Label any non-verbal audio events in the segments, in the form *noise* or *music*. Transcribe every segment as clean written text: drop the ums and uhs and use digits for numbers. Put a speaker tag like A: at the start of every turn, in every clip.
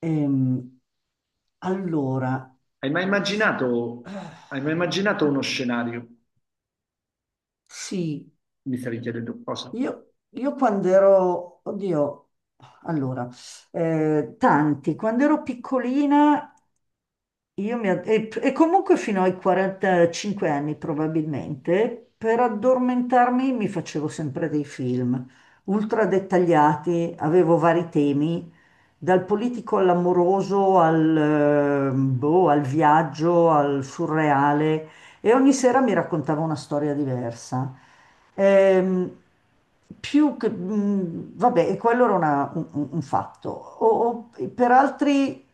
A: Ehm, allora,
B: Hai mai
A: s-
B: immaginato,
A: eh,
B: hai mai immaginato uno scenario?
A: sì,
B: Mi stavi chiedendo cosa?
A: io quando ero, oddio, allora, quando ero piccolina, e comunque fino ai 45 anni probabilmente, per addormentarmi mi facevo sempre dei film ultra dettagliati, avevo vari temi dal politico all'amoroso, boh, al viaggio, al surreale, e ogni sera mi raccontava una storia diversa. Ehm, Più che, vabbè, e quello era un fatto. Per altri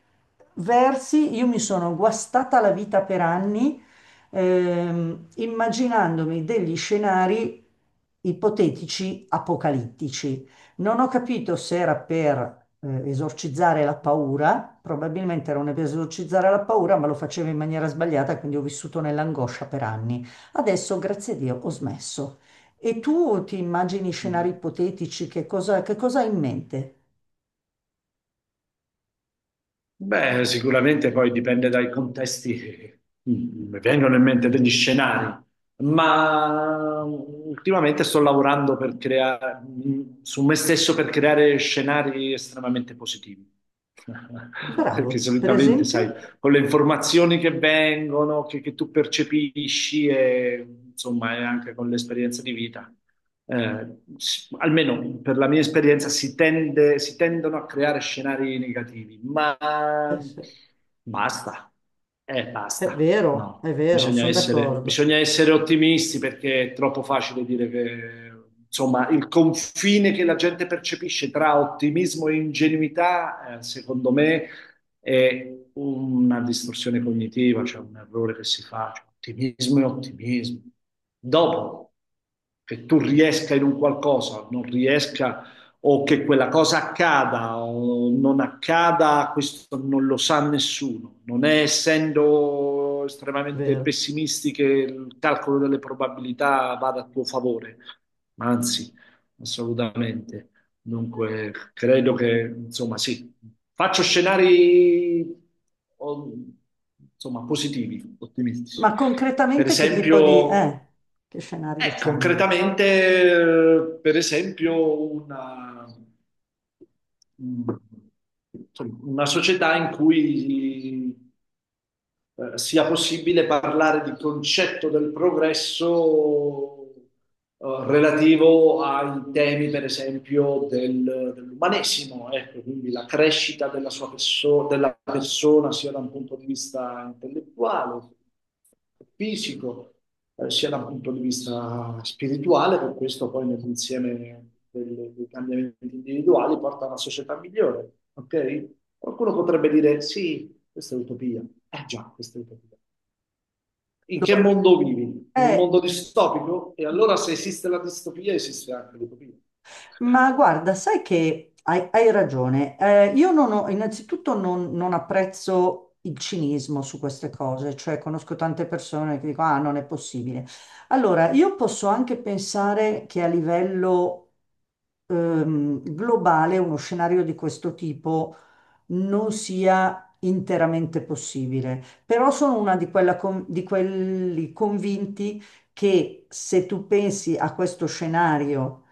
A: versi, io mi sono guastata la vita per anni, immaginandomi degli scenari ipotetici apocalittici. Non ho capito se era per esorcizzare la paura, probabilmente non è per esorcizzare la paura, ma lo facevo in maniera sbagliata, quindi ho vissuto nell'angoscia per anni. Adesso, grazie a Dio, ho smesso. E tu ti immagini scenari
B: Mm.
A: ipotetici, che cosa hai in mente?
B: Beh, sicuramente poi dipende dai contesti che mi vengono in mente degli scenari, ma ultimamente sto lavorando per su me stesso per creare scenari estremamente positivi. *laughs* Perché
A: Bravo, per
B: solitamente, sai,
A: esempio,
B: con le informazioni che vengono, che tu percepisci e insomma, e anche con l'esperienza di vita. eh, Almeno per la mia esperienza, si tendono a creare scenari negativi, ma
A: eh sì,
B: basta, basta,
A: è
B: no,
A: vero, sono d'accordo,
B: bisogna essere ottimisti perché è troppo facile dire che, insomma, il confine che la gente percepisce tra ottimismo e ingenuità, secondo me, è una distorsione cognitiva, cioè un errore che si fa, cioè ottimismo e ottimismo. Dopo che tu riesca in un qualcosa, non riesca o che quella cosa accada o non accada, questo non lo sa nessuno. Non è essendo
A: è
B: estremamente
A: vero.
B: pessimisti che il calcolo delle probabilità vada a tuo favore, ma anzi, assolutamente. Dunque, credo che, insomma, sì, faccio scenari, o- insomma, positivi, ottimistici.
A: Ma
B: Per
A: concretamente che tipo di...
B: esempio,
A: che scenario c'hai in mente?
B: concretamente, per esempio, mm, insomma, una società in cui sia possibile parlare di concetto del progresso relativo ai temi, per esempio, dell'umanesimo, ecco, quindi la crescita della della persona sia da un punto di vista intellettuale, fisico, sia da un punto di vista spirituale, per questo poi nell'insieme dei cambiamenti individuali porta a una società migliore, ok? Qualcuno potrebbe dire, sì, questa è utopia. Eh già, questa è utopia. In che
A: Allora,
B: mondo vivi? In un
A: eh,
B: mondo distopico? E allora se esiste la distopia, esiste anche l'utopia. Vabbè.
A: ma guarda, sai che hai ragione. Io non ho, innanzitutto non apprezzo il cinismo su queste cose, cioè conosco tante persone che dicono, ah, non è possibile. Allora, io posso anche pensare che a livello globale uno scenario di questo tipo non sia interamente possibile, però sono una di, quella con- di quelli convinti che se tu pensi a questo scenario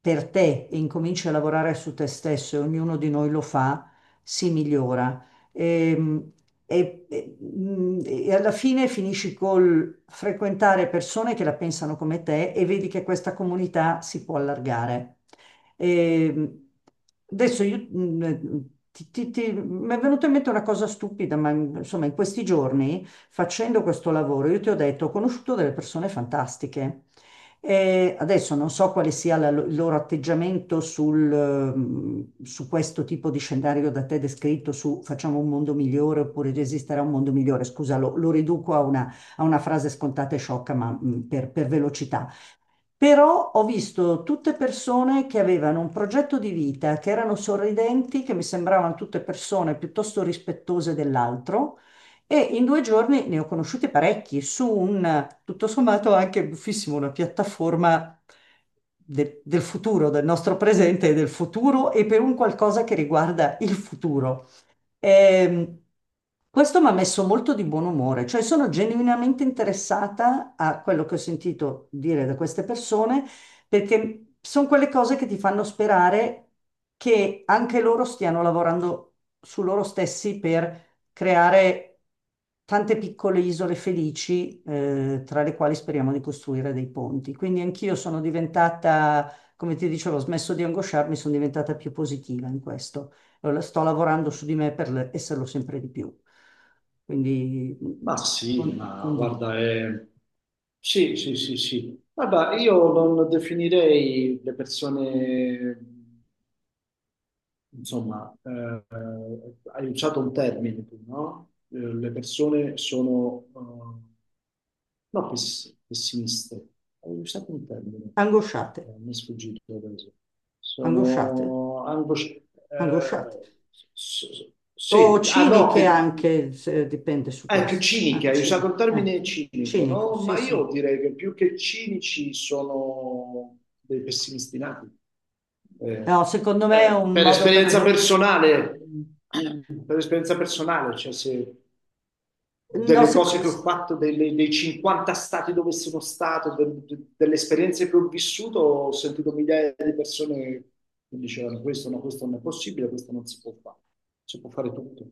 A: per te e incominci a lavorare su te stesso, e ognuno di noi lo fa, si migliora. Ehm, e alla fine finisci col frequentare persone che la pensano come te e vedi che questa comunità si può allargare. E adesso io, mi è venuta in mente una cosa stupida, ma insomma in questi giorni facendo questo lavoro io ti ho detto ho conosciuto delle persone fantastiche. E adesso non so quale sia il loro atteggiamento sul, su questo tipo di scenario da te descritto, su facciamo un mondo migliore oppure esisterà un mondo migliore. Scusa, lo riduco a una frase scontata e sciocca, ma per velocità. Però ho visto tutte persone che avevano un progetto di vita, che erano sorridenti, che mi sembravano tutte persone piuttosto rispettose dell'altro e in 2 giorni ne ho conosciuti parecchi su un, tutto sommato, anche buffissimo, una piattaforma del futuro, del nostro presente e del futuro e per un qualcosa che riguarda il futuro. Ehm, Questo mi ha messo molto di buon umore, cioè sono genuinamente interessata a quello che ho sentito dire da queste persone, perché sono quelle cose che ti fanno sperare che anche loro stiano lavorando su loro stessi per creare tante piccole isole felici, tra le quali speriamo di costruire dei ponti. Quindi anch'io sono diventata, come ti dicevo, ho smesso di angosciarmi, sono diventata più positiva in questo sto lavorando su di me per esserlo sempre di più. Quindi
B: Ma sì, ma
A: condivido.
B: guarda, è... Sì, sì, sì, sì. Guarda, io non definirei le persone insomma, hai usato un termine tu, no? Le persone sono, no, pess- pessimiste, hai usato un termine,
A: Angosciate,
B: mi è sfuggito adesso.
A: angosciate,
B: Sono angosciate,
A: angosciate. O
B: sì, ah no,
A: ciniche
B: che
A: anche, dipende su
B: ecco,
A: questo. Ah,
B: ciniche, hai usato il termine cinico,
A: cinico,
B: no?
A: sì,
B: Ma io
A: sì.
B: direi che più che cinici sono dei pessimisti nati. Eh,
A: No, secondo me è un
B: per
A: modo per...
B: esperienza
A: es-
B: personale, per esperienza personale, cioè se,
A: No,
B: delle
A: sec-
B: cose che ho fatto, dei 50 stati dove sono stato, delle esperienze che ho vissuto, ho sentito migliaia di persone che dicevano questo, no, questo non è possibile, questo non si può fare, si può fare tutto.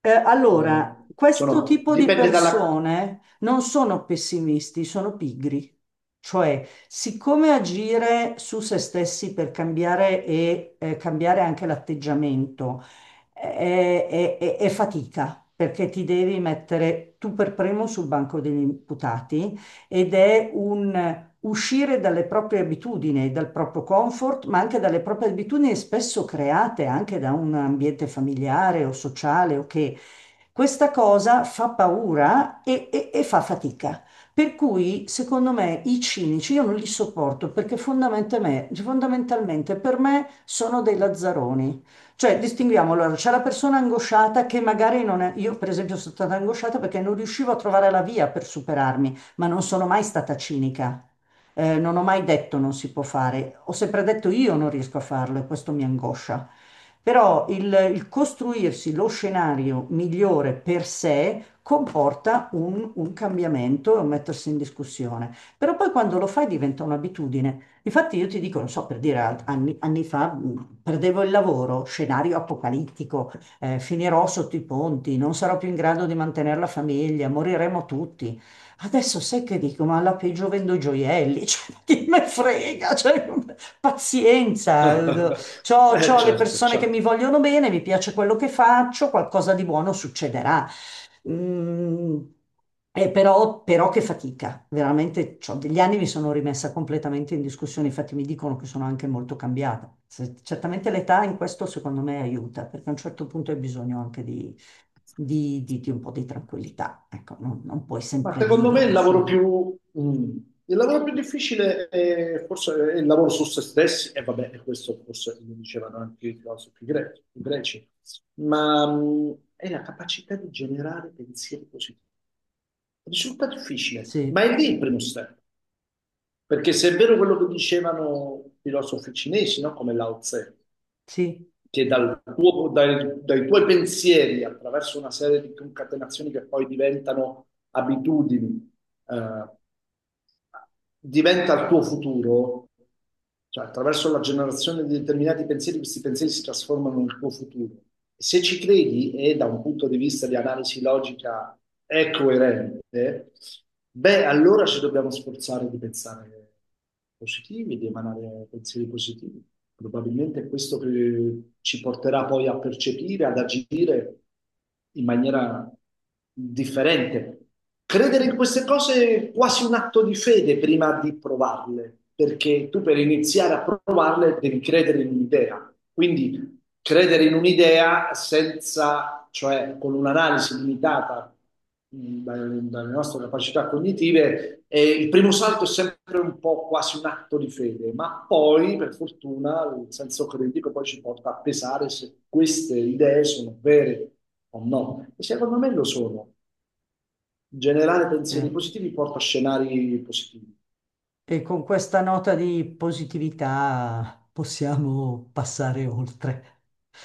B: Sono,
A: Allora, questo tipo di
B: dipende dalla...
A: persone non sono pessimisti, sono pigri. Cioè, siccome agire su se stessi per cambiare e cambiare anche l'atteggiamento è fatica, perché ti devi mettere tu per primo sul banco degli imputati ed è un uscire dalle proprie abitudini, dal proprio comfort, ma anche dalle proprie abitudini spesso create anche da un ambiente familiare o sociale o che questa cosa fa paura e fa fatica. Per cui, secondo me, i cinici io non li sopporto perché fondamentalmente per me sono dei lazzaroni. Cioè, distinguiamo, allora, c'è la persona angosciata che magari non è... Io, per esempio, sono stata angosciata perché non riuscivo a trovare la via per superarmi ma non sono mai stata cinica. Non ho mai detto non si può fare, ho sempre detto io non riesco a farlo e questo mi angoscia. Però il costruirsi lo scenario migliore per sé comporta un cambiamento e un mettersi in discussione. Però poi quando lo fai diventa un'abitudine. Infatti io ti dico, non so, per dire, anni fa perdevo il lavoro, scenario apocalittico, finirò sotto i ponti, non sarò più in grado di mantenere la famiglia, moriremo tutti. Adesso sai che dico, ma alla peggio vendo gioielli, *laughs* cioè, ma chi me frega, cioè, pazienza,
B: *laughs*
A: c'ho, c'ho le
B: Certo,
A: persone che mi
B: certo.
A: vogliono bene, mi piace quello che faccio, qualcosa di buono succederà. Mm, però che fatica, veramente, c'ho degli anni mi sono rimessa completamente in discussione, infatti mi dicono che sono anche molto cambiata. Certamente l'età in questo secondo me aiuta, perché a un certo punto hai bisogno anche di un po' di tranquillità. Ecco, non puoi
B: Ma
A: sempre
B: secondo me il
A: vivere
B: lavoro
A: sul...
B: il lavoro più difficile è forse è il lavoro su se stessi, e vabbè, e questo forse lo dicevano anche i i greci, ma mm, è la capacità di generare pensieri positivi. Risulta difficile, ma
A: Sì,
B: è lì il primo step, perché se è vero quello che dicevano i filosofi cinesi, no? Come Lao Tse,
A: sì,
B: che dai tuoi pensieri, attraverso una serie di concatenazioni che poi diventano abitudini, eh, diventa il tuo futuro, cioè attraverso la generazione di determinati pensieri, questi pensieri si trasformano nel tuo futuro. Se ci credi e da un punto di vista di analisi logica è coerente, beh, allora ci dobbiamo sforzare di pensare positivi, di emanare pensieri positivi. Probabilmente è questo che ci porterà poi a percepire, ad agire in maniera differente. Credere in queste cose è quasi un atto di fede prima di provarle, perché tu per iniziare a provarle devi credere in un'idea. Quindi credere in un'idea senza, cioè con un'analisi limitata dalle nostre capacità cognitive, il primo salto è sempre un po' quasi un atto di fede, ma poi, per fortuna, il senso critico poi ci porta a pesare se queste idee sono vere o no. E secondo me lo sono. In generale, pensieri
A: vero.
B: positivi porta a scenari positivi.
A: E con questa nota di positività possiamo passare oltre.